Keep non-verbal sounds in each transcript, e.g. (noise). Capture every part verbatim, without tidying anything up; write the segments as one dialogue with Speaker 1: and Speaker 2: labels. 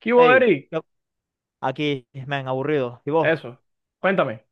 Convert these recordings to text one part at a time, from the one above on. Speaker 1: ¿Qué hubo,
Speaker 2: Hey,
Speaker 1: Eri?
Speaker 2: aquí, man, aburrido. ¿Y vos?
Speaker 1: Eso, cuéntame.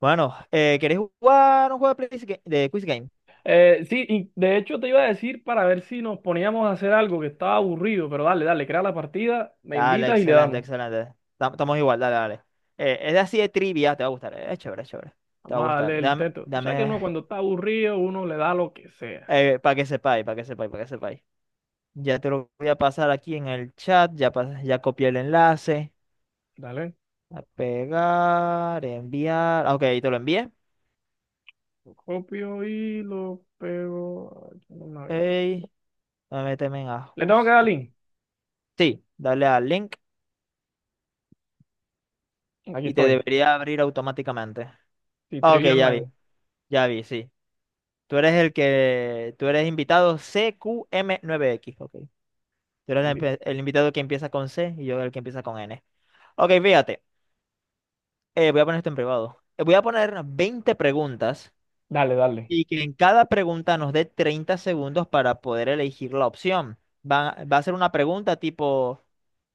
Speaker 2: Bueno, eh, ¿queréis jugar un juego de, Quiz Ga- de Quiz Game?
Speaker 1: Eh, sí, y de hecho te iba a decir para ver si nos poníamos a hacer algo que estaba aburrido, pero dale, dale, crea la partida, me
Speaker 2: Dale,
Speaker 1: invitas y le
Speaker 2: excelente,
Speaker 1: damos.
Speaker 2: excelente. Tam- Estamos igual, dale, dale. Eh, es así de trivia, te va a gustar. eh, Es chévere, es chévere. Te va a
Speaker 1: Vamos a darle
Speaker 2: gustar.
Speaker 1: el
Speaker 2: Dame,
Speaker 1: teto. Tú sabes que uno
Speaker 2: dame,
Speaker 1: cuando está aburrido, uno le da lo que sea.
Speaker 2: eh, para que sepáis, para que sepáis, para que sepáis. Ya te lo voy a pasar aquí en el chat. Ya, pas- ya copié el enlace.
Speaker 1: Dale,
Speaker 2: A pegar, enviar. Ah, ok, ahí te lo envié.
Speaker 1: lo copio y lo pego aquí en el navegador.
Speaker 2: Hey, méteme en
Speaker 1: Le tengo que dar
Speaker 2: ajuste.
Speaker 1: link.
Speaker 2: Sí, dale al link
Speaker 1: Aquí
Speaker 2: y te
Speaker 1: estoy.
Speaker 2: debería abrir automáticamente.
Speaker 1: Sí,
Speaker 2: Ah, ok,
Speaker 1: Trivia
Speaker 2: ya vi,
Speaker 1: Online.
Speaker 2: ya vi, sí. Tú eres el que, tú eres invitado cqm nueve x, ok. Tú eres la
Speaker 1: Invi-
Speaker 2: empe- el, invitado que empieza con C y yo el que empieza con N. Ok, fíjate, eh, voy a poner esto en privado. Eh, voy a poner veinte preguntas
Speaker 1: Dale, dale,
Speaker 2: y que en cada pregunta nos dé treinta segundos para poder elegir la opción. Va, va a ser una pregunta tipo,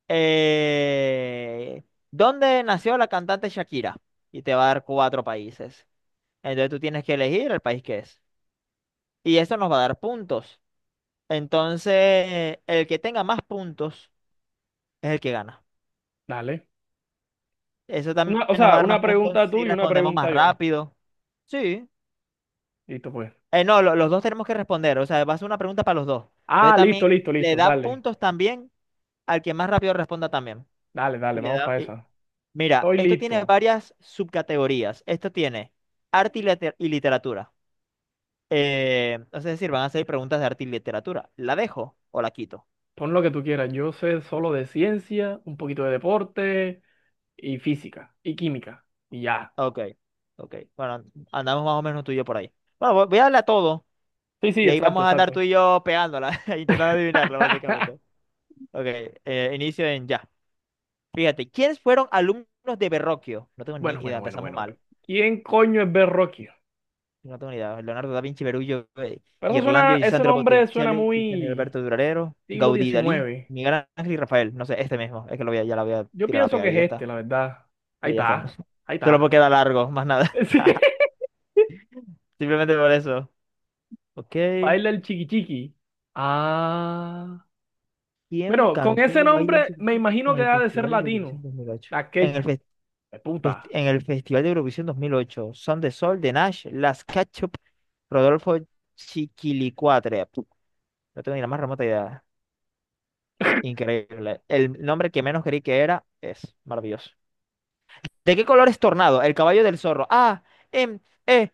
Speaker 2: eh, ¿dónde nació la cantante Shakira? Y te va a dar cuatro países. Entonces tú tienes que elegir el país que es, y eso nos va a dar puntos. Entonces, el que tenga más puntos es el que gana.
Speaker 1: dale.
Speaker 2: Eso también
Speaker 1: Una, o
Speaker 2: nos va a
Speaker 1: sea,
Speaker 2: dar
Speaker 1: una
Speaker 2: más puntos
Speaker 1: pregunta tú
Speaker 2: si
Speaker 1: y una
Speaker 2: respondemos más
Speaker 1: pregunta yo.
Speaker 2: rápido. Sí.
Speaker 1: Listo, pues.
Speaker 2: Eh, no, lo- los dos tenemos que responder. O sea, va a ser una pregunta para los dos. Entonces
Speaker 1: Ah, listo,
Speaker 2: también
Speaker 1: listo,
Speaker 2: le
Speaker 1: listo.
Speaker 2: da
Speaker 1: Dale,
Speaker 2: puntos también al que más rápido responda también.
Speaker 1: dale,
Speaker 2: Y
Speaker 1: dale,
Speaker 2: le
Speaker 1: vamos
Speaker 2: da,
Speaker 1: para
Speaker 2: y-
Speaker 1: esa.
Speaker 2: Mira,
Speaker 1: Estoy
Speaker 2: esto tiene
Speaker 1: listo.
Speaker 2: varias subcategorías. Esto tiene arte y, liter- y literatura. Eh, entonces, es decir, van a ser preguntas de arte y literatura. ¿La dejo o la quito?
Speaker 1: Pon lo que tú quieras. Yo sé solo de ciencia, un poquito de deporte y física y química. Y ya.
Speaker 2: Ok, ok. Bueno, andamos más o menos tú y yo por ahí. Bueno, vo- voy a darle a todo
Speaker 1: Sí, sí,
Speaker 2: y ahí
Speaker 1: exacto,
Speaker 2: vamos a andar
Speaker 1: exacto.
Speaker 2: tú y yo pegándola, (laughs) intentando adivinarlo, básicamente.
Speaker 1: (laughs)
Speaker 2: Ok, eh, inicio en ya. Fíjate, ¿quiénes fueron alumnos de Verrocchio? No tengo ni
Speaker 1: Bueno,
Speaker 2: idea,
Speaker 1: bueno, bueno,
Speaker 2: empezamos
Speaker 1: bueno,
Speaker 2: mal.
Speaker 1: bueno. ¿Quién coño es Berroquio?
Speaker 2: No tengo ni idea. Leonardo da Vinci, Verullo, eh,
Speaker 1: Pero eso suena,
Speaker 2: Ghirlandaio y
Speaker 1: ese
Speaker 2: Sandro
Speaker 1: nombre suena
Speaker 2: Botticelli, Tiziano y
Speaker 1: muy
Speaker 2: Alberto Durarero,
Speaker 1: siglo
Speaker 2: Gaudí, Dalí,
Speaker 1: diecinueve
Speaker 2: Miguel Ángel y Rafael. No sé, este mismo. Es que lo voy a, ya la voy a
Speaker 1: Yo
Speaker 2: tirar a
Speaker 1: pienso que
Speaker 2: pegar y ya
Speaker 1: es
Speaker 2: está.
Speaker 1: este, la verdad. Ahí
Speaker 2: Sí, ya está.
Speaker 1: está, ahí
Speaker 2: (laughs) Solo
Speaker 1: está.
Speaker 2: porque da largo, más
Speaker 1: (laughs)
Speaker 2: nada.
Speaker 1: Sí.
Speaker 2: (laughs) Simplemente por eso. Ok.
Speaker 1: Baila el chiqui chiqui. Ah.
Speaker 2: ¿Quién
Speaker 1: Bueno, con ese
Speaker 2: cantó Baila en
Speaker 1: nombre me
Speaker 2: Superficie
Speaker 1: imagino
Speaker 2: en
Speaker 1: que
Speaker 2: el
Speaker 1: ha de ser
Speaker 2: Festival de Eurovisión
Speaker 1: latino.
Speaker 2: dos mil ocho?
Speaker 1: La
Speaker 2: En el,
Speaker 1: quechua.
Speaker 2: fes-
Speaker 1: De
Speaker 2: fest-
Speaker 1: puta.
Speaker 2: en el Festival de Eurovisión dos mil ocho, Son de Sol, de Nash, Las Ketchup, Rodolfo Chiquilicuatre. Puh, No tengo ni la más remota idea. Increíble. El nombre que menos creí que era es maravilloso. ¿De qué color es Tornado? El caballo del zorro. Ah, em, eh,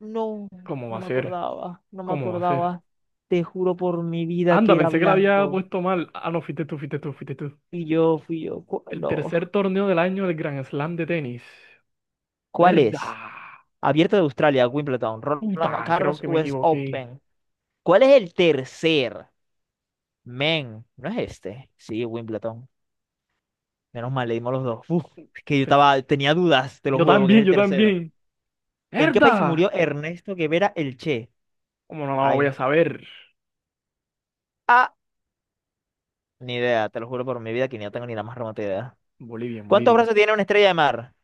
Speaker 2: no,
Speaker 1: ¿Cómo va
Speaker 2: no
Speaker 1: a
Speaker 2: me
Speaker 1: ser?
Speaker 2: acordaba, no me
Speaker 1: ¿Cómo va a ser?
Speaker 2: acordaba. Te juro por mi vida
Speaker 1: Anda,
Speaker 2: que era
Speaker 1: pensé que la había
Speaker 2: blanco.
Speaker 1: puesto mal. Ah, no, fuiste tú, fuiste tú, fuiste tú.
Speaker 2: Fui yo, fui yo. Cu-
Speaker 1: El
Speaker 2: No.
Speaker 1: tercer torneo del año del Grand Slam de tenis.
Speaker 2: ¿Cuál es?
Speaker 1: ¿Verdad?
Speaker 2: Abierto de Australia, Wimbledon, Roland
Speaker 1: Puta, creo
Speaker 2: Garros,
Speaker 1: que me
Speaker 2: U S
Speaker 1: equivoqué.
Speaker 2: Open. ¿Cuál es el tercer? Men, ¿no es este? Sí, Wimbledon. Menos mal, le dimos los dos. Uf, es que yo
Speaker 1: Pens-
Speaker 2: estaba, tenía dudas, te lo
Speaker 1: Yo
Speaker 2: juro, porque es
Speaker 1: también,
Speaker 2: el
Speaker 1: yo
Speaker 2: tercero.
Speaker 1: también.
Speaker 2: ¿En qué país
Speaker 1: ¿Verdad?
Speaker 2: murió Ernesto Guevara el Che?
Speaker 1: ¿Cómo no lo voy a
Speaker 2: Ay.
Speaker 1: saber?
Speaker 2: Ah, ni idea, te lo juro por mi vida que ni no tengo ni la más remota idea.
Speaker 1: Bolivia, en
Speaker 2: ¿Cuántos
Speaker 1: Bolivia.
Speaker 2: brazos tiene una estrella de mar?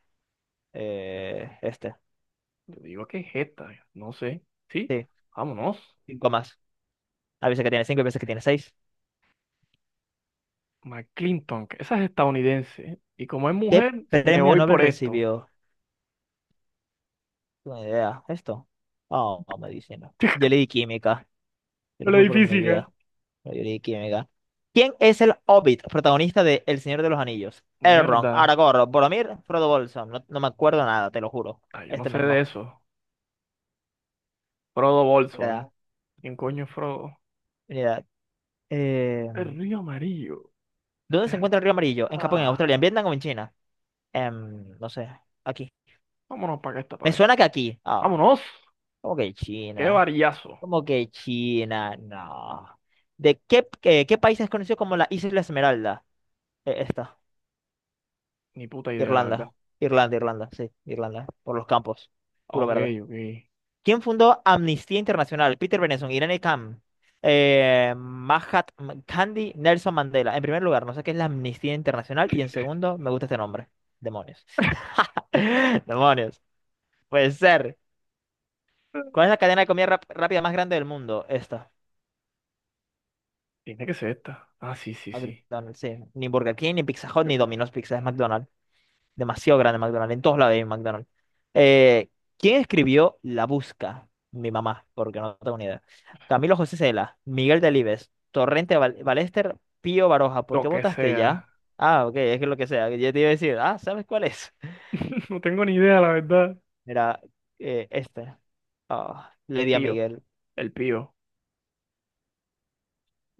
Speaker 2: Eh, este.
Speaker 1: Yo digo que es esta, no sé. ¿Sí?
Speaker 2: Sí,
Speaker 1: Vámonos.
Speaker 2: cinco más. A veces que tiene cinco, a veces que tiene seis.
Speaker 1: McClinton, que esa es estadounidense. Y como es
Speaker 2: ¿Qué
Speaker 1: mujer, me
Speaker 2: premio
Speaker 1: voy
Speaker 2: Nobel
Speaker 1: por esto.
Speaker 2: recibió? Buena idea. ¿Esto? Oh, medicina.
Speaker 1: (laughs)
Speaker 2: Yo le di química. Te
Speaker 1: Yo
Speaker 2: lo
Speaker 1: le
Speaker 2: juro
Speaker 1: di
Speaker 2: por mi
Speaker 1: física.
Speaker 2: vida. pero yo le di química. ¿Quién es el Hobbit, protagonista de El Señor de los Anillos? Elrond,
Speaker 1: Mierda.
Speaker 2: Aragorn, Boromir, Frodo Bolson. No, no me acuerdo nada, te lo juro.
Speaker 1: Ah, yo no
Speaker 2: Este
Speaker 1: sé de
Speaker 2: mismo.
Speaker 1: eso. Frodo Bolson.
Speaker 2: Mira,
Speaker 1: ¿Quién coño es Frodo?
Speaker 2: mira. Eh,
Speaker 1: El río amarillo.
Speaker 2: ¿dónde se encuentra el río Amarillo? ¿En Japón, en
Speaker 1: Ah,
Speaker 2: Australia, en Vietnam o en China? Em, no sé. Aquí.
Speaker 1: vámonos para acá esta
Speaker 2: Me
Speaker 1: vez.
Speaker 2: suena que aquí. Ah,
Speaker 1: ¡Vámonos!
Speaker 2: ¿cómo que
Speaker 1: ¡Qué
Speaker 2: China?
Speaker 1: varillazo!
Speaker 2: ¿Cómo que China? No. ¿De qué, eh, qué país es conocido como la Isla Esmeralda? Eh, esta.
Speaker 1: Ni puta idea, la verdad.
Speaker 2: Irlanda, Irlanda, Irlanda, sí, Irlanda, por los campos, puro
Speaker 1: Ok,
Speaker 2: verde.
Speaker 1: ok.
Speaker 2: ¿Quién fundó Amnistía Internacional? Peter Benenson, Irene Kam, eh, Mahatma Gandhi, Nelson Mandela. En primer lugar, no sé qué es la Amnistía Internacional y en segundo, me gusta este nombre. Demonios. (laughs) Demonios. Puede ser. ¿Cuál es la cadena de comida rap- rápida más grande del mundo? Esta.
Speaker 1: Tiene que ser esta. Ah, sí, sí, sí.
Speaker 2: McDonald's, sí. Ni Burger King, ni Pizza Hut, ni Domino's Pizza, es McDonald's. Demasiado grande McDonald's. En todos lados hay McDonald's. Eh, ¿Quién escribió La Busca? Mi mamá, porque no tengo ni idea. Camilo José Cela, Miguel Delibes, Torrente Val- Ballester, Pío Baroja. ¿Por
Speaker 1: Lo
Speaker 2: qué
Speaker 1: que
Speaker 2: votaste ya?
Speaker 1: sea.
Speaker 2: Ah, ok, es que lo que sea. Ya te iba a decir, ah, ¿sabes cuál es? (laughs)
Speaker 1: (laughs) No tengo ni idea, la verdad.
Speaker 2: Mira, eh, este. Ah, le di a
Speaker 1: Pío.
Speaker 2: Miguel.
Speaker 1: El pío.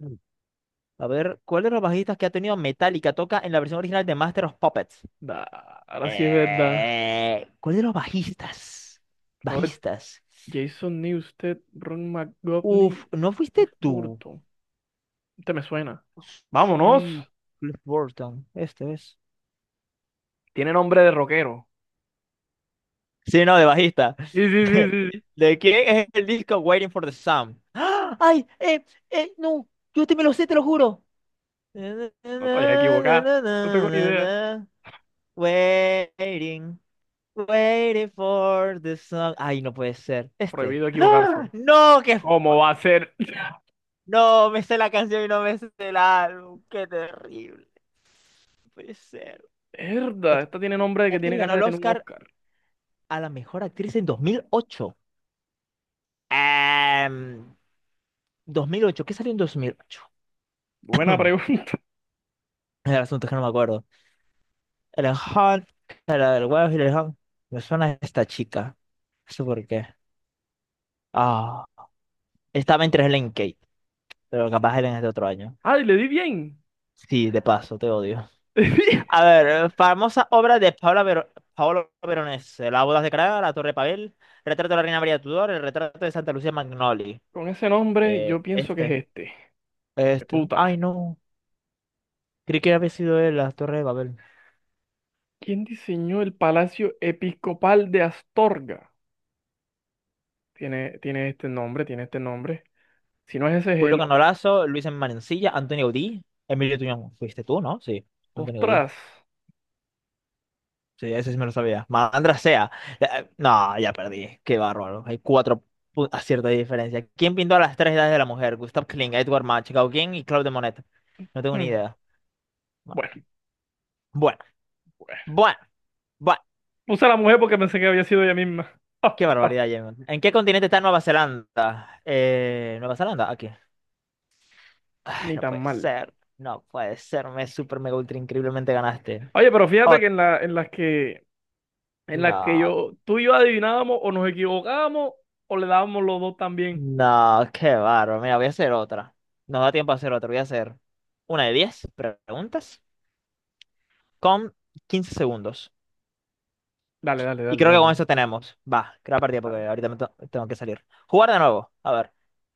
Speaker 1: Mm.
Speaker 2: A ver, ¿cuál de los bajistas que ha tenido Metallica toca en la versión original de Master of Puppets?
Speaker 1: Da, ahora sí es verdad.
Speaker 2: Eh, ¿cuál de los bajistas?
Speaker 1: Robert
Speaker 2: Bajistas.
Speaker 1: Jason Newsted, Ron
Speaker 2: Uf,
Speaker 1: McGovney,
Speaker 2: ¿no
Speaker 1: Jeff
Speaker 2: fuiste tú?
Speaker 1: Burton. Este me suena. ¡Vámonos!
Speaker 2: Sí, Cliff Burton, este es.
Speaker 1: Tiene nombre de rockero.
Speaker 2: Sí, no, de bajista.
Speaker 1: Sí, sí,
Speaker 2: (laughs)
Speaker 1: sí, sí.
Speaker 2: ¿De quién es el disco Waiting for the Sun? ¡Ah! ¡Ay! ¡Eh! ¡Eh! ¡No! Yo te me lo sé, te lo juro.
Speaker 1: No te vayas a equivocar. No tengo ni idea.
Speaker 2: Waiting, waiting for the sun. Ay, no puede ser. Este.
Speaker 1: Prohibido equivocarse.
Speaker 2: ¡Ah! No, qué
Speaker 1: ¿Cómo va
Speaker 2: fucking.
Speaker 1: a ser?
Speaker 2: No, me sé la canción y no me sé el álbum. Qué terrible. No puede ser. Ya
Speaker 1: Herda,
Speaker 2: que
Speaker 1: esta tiene nombre de
Speaker 2: ya
Speaker 1: que
Speaker 2: que
Speaker 1: tiene
Speaker 2: ganó
Speaker 1: cara
Speaker 2: el
Speaker 1: de tener un
Speaker 2: Oscar
Speaker 1: Oscar.
Speaker 2: a la mejor actriz en dos mil ocho. Em, Dos mil ocho, ¿qué salió en dos mil ocho?
Speaker 1: Buena
Speaker 2: (clears throat)
Speaker 1: pregunta. (laughs)
Speaker 2: El asunto es que no me acuerdo. El Hunt, la del huevo y el Hunt. Me suena esta chica. No sé por qué. Ah, estaba entre Helen Kate, pero capaz Helen es de otro año.
Speaker 1: Ay, le di bien.
Speaker 2: Sí, de paso, te odio.
Speaker 1: (laughs) Le di bien.
Speaker 2: A ver, eh, famosa obra de Paola Ver- Paolo Veronese. Las bodas de Praga, La Torre de Babel, Retrato de la Reina María Tudor, El retrato de Santa Lucía Magnoli.
Speaker 1: Con ese nombre,
Speaker 2: Eh,
Speaker 1: yo pienso que es
Speaker 2: este,
Speaker 1: este. ¡Qué
Speaker 2: este.
Speaker 1: puta!
Speaker 2: Ay, no. Creí que había sido él las Torres de Babel.
Speaker 1: ¿Quién diseñó el Palacio Episcopal de Astorga? Tiene, tiene este nombre, tiene este nombre. Si no es ese, es
Speaker 2: Julio
Speaker 1: el otro.
Speaker 2: Canolazo, Luis Manencilla, Antonio Audí, Emilio Tuñón. Fuiste tú, ¿no? Sí, Antonio Audí.
Speaker 1: Ostras.
Speaker 2: Sí, ese sí me lo sabía. Malandra sea. Eh, eh, No, ya perdí. Qué bárbaro. Hay cuatro pu- aciertos de diferencia. ¿Quién pintó a las tres edades de la mujer? Gustav Klimt, Edward Munch, Gauguin y Claude Monet. No tengo ni
Speaker 1: Hmm.
Speaker 2: idea. No.
Speaker 1: Bueno,
Speaker 2: Bueno,
Speaker 1: bueno.
Speaker 2: bueno, bueno.
Speaker 1: Puse a la mujer porque pensé que había sido ella misma.
Speaker 2: Qué
Speaker 1: (laughs)
Speaker 2: barbaridad, Jamie. ¿En qué continente está Nueva Zelanda? Eh, Nueva Zelanda, aquí. Ay,
Speaker 1: Ni
Speaker 2: no
Speaker 1: tan
Speaker 2: puede
Speaker 1: mal.
Speaker 2: ser, no puede ser, me super mega ultra increíblemente ganaste.
Speaker 1: Oye, pero fíjate
Speaker 2: Oh,
Speaker 1: que en la, en las que en la que
Speaker 2: no,
Speaker 1: yo, tú y yo adivinábamos o nos equivocábamos o le dábamos los dos también.
Speaker 2: no, qué bárbaro. Mira, voy a hacer otra. Nos da tiempo a hacer otra. Voy a hacer una de diez preguntas con quince segundos.
Speaker 1: Dale, dale,
Speaker 2: Y
Speaker 1: dale,
Speaker 2: creo que con
Speaker 1: dale.
Speaker 2: eso tenemos. Va, creo la partida porque
Speaker 1: Dale.
Speaker 2: ahorita me to- tengo que salir. Jugar de nuevo. A ver.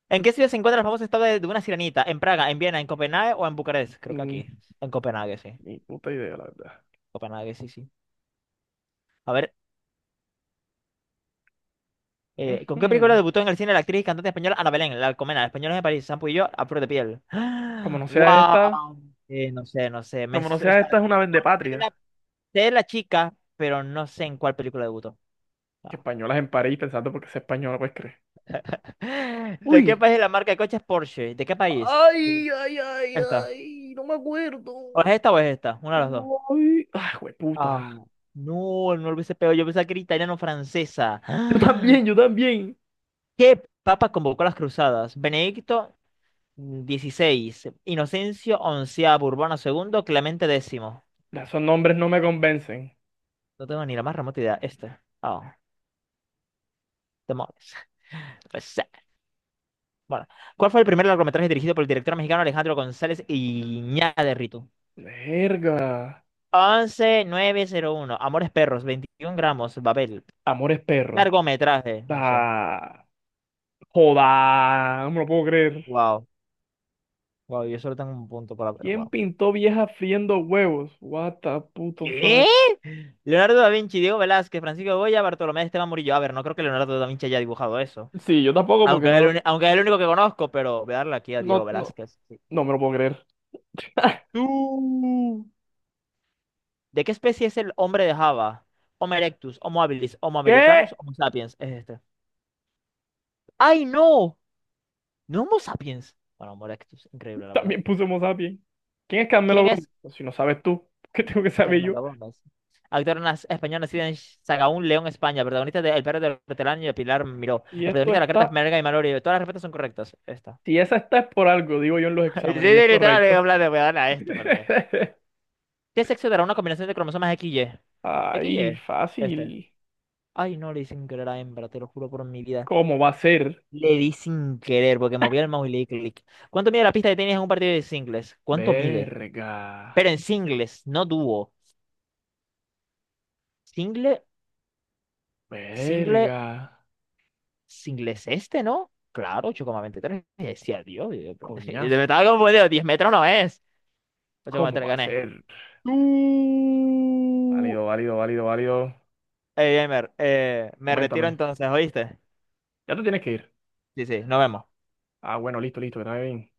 Speaker 2: ¿En qué ciudad se encuentra la famosa estatua de de una sirenita? ¿En Praga, en Viena, en Copenhague o en Bucarest? Creo que
Speaker 1: Mm,
Speaker 2: aquí. En Copenhague, sí.
Speaker 1: Ni puta idea, la verdad.
Speaker 2: Copenhague, sí, sí. A ver. Eh, ¿con qué película
Speaker 1: Ujú.
Speaker 2: debutó en el cine la actriz y cantante española Ana Belén, la Alcomena, Españoles de París, Sampo y yo, a flor de piel?
Speaker 1: Como no
Speaker 2: (gasps)
Speaker 1: sea esta,
Speaker 2: ¡Wow! Eh, no sé, no sé. Me, o
Speaker 1: como no
Speaker 2: sea, sé
Speaker 1: sea esta, es una
Speaker 2: cuál- sé la,
Speaker 1: vendepatria.
Speaker 2: sé la chica, pero no sé en cuál película debutó.
Speaker 1: Que
Speaker 2: No.
Speaker 1: españolas en París pensando porque es española, pues crees.
Speaker 2: (laughs) ¿De qué
Speaker 1: Uy.
Speaker 2: país es la marca de coches Porsche? ¿De qué país? Eh,
Speaker 1: Ay, ay, ay,
Speaker 2: Esta.
Speaker 1: ay, no me acuerdo.
Speaker 2: ¿O es esta o es esta? Una de las dos.
Speaker 1: Ay, ay, puta.
Speaker 2: Ah, no, no lo hubiese pegado. Yo pensaba que era italiano-francesa.
Speaker 1: Yo
Speaker 2: (gasps)
Speaker 1: también, yo también.
Speaker 2: ¿Qué papa convocó las cruzadas? ¿Benedicto dieciséis, Inocencio onceavo, Urbano segundo, Clemente décimo?
Speaker 1: Ya, esos nombres no me convencen.
Speaker 2: No tengo ni la más remota idea. Este. Oh, demonios. Pues, sí. bueno, ¿cuál fue el primer largometraje dirigido por el director mexicano Alejandro González Iñárritu?
Speaker 1: Verga.
Speaker 2: Once mil novecientos uno, Amores Perros, veintiún gramos, Babel.
Speaker 1: Amores perros.
Speaker 2: Largometraje, no sé.
Speaker 1: Da. Joda, no me lo puedo creer.
Speaker 2: Wow, wow, yo solo tengo un punto para ver.
Speaker 1: ¿Quién
Speaker 2: Wow.
Speaker 1: pintó vieja friendo huevos? What the puto
Speaker 2: ¿Qué?
Speaker 1: fuck.
Speaker 2: Leonardo da Vinci, Diego Velázquez, Francisco Goya, Bartolomé de Esteban Murillo. A ver, no creo que Leonardo da Vinci haya dibujado eso.
Speaker 1: Sí, yo tampoco porque
Speaker 2: Aunque es el,
Speaker 1: no,
Speaker 2: uni- aunque es el único que conozco, pero voy a darle aquí a Diego
Speaker 1: no, no,
Speaker 2: Velázquez. sí.
Speaker 1: no me lo puedo creer. (laughs)
Speaker 2: Tú. ¿De qué especie es el hombre de Java? Homo erectus, Homo habilis, Homo
Speaker 1: ¿Qué?
Speaker 2: americanus, Homo sapiens. Es este. ¡Ay, no! No Homo sapiens. Bueno, Homo erectus. Increíble, la verdad.
Speaker 1: También puse Homo sapiens. ¿Quién es Carmelo
Speaker 2: ¿Quién
Speaker 1: Gómez?
Speaker 2: es
Speaker 1: Pues si no sabes tú, (laughs) ¿qué tengo que saber yo?
Speaker 2: Carmelo Gómez? Actor nas- español nacido en Sahagún, León, España. Protagonista de El perro del hortelano y de Pilar Miró. El
Speaker 1: Y esto
Speaker 2: protagonista de la carta es
Speaker 1: está,
Speaker 2: Merga y Malory. Todas las respuestas son correctas. Esta.
Speaker 1: si esa está es por algo, digo yo en los
Speaker 2: (laughs) Sí, sí,
Speaker 1: exámenes, y es
Speaker 2: literal, en
Speaker 1: correcto.
Speaker 2: plan de, voy a darle a este porque...
Speaker 1: (laughs)
Speaker 2: ¿Qué sexo dará una combinación de cromosomas X Y?
Speaker 1: Ay,
Speaker 2: X Y, este.
Speaker 1: fácil.
Speaker 2: Ay, no, le di sin querer a hembra, te lo juro por mi vida.
Speaker 1: ¿Cómo va a ser?
Speaker 2: Le di sin querer porque moví el mouse y le di clic. ¿Cuánto mide la pista de tenis en un partido de singles? ¿Cuánto mide?
Speaker 1: Verga,
Speaker 2: Pero en singles, no dúo. Single, single,
Speaker 1: verga,
Speaker 2: singles este, ¿no? Claro, ocho coma veintitrés. Y decía, Dios, Dios, (laughs) me
Speaker 1: coñazo.
Speaker 2: estaba confundido. diez metros no es.
Speaker 1: ¿Cómo
Speaker 2: ocho coma tres,
Speaker 1: va a
Speaker 2: gané.
Speaker 1: ser?
Speaker 2: Tú.
Speaker 1: Válido, válido, válido, válido.
Speaker 2: Ey, Gamer, eh, me retiro
Speaker 1: Coméntame.
Speaker 2: entonces, ¿oíste?
Speaker 1: Ya te tienes que ir.
Speaker 2: Sí, sí, nos vemos.
Speaker 1: Ah, bueno, listo, listo, que te vaya bien.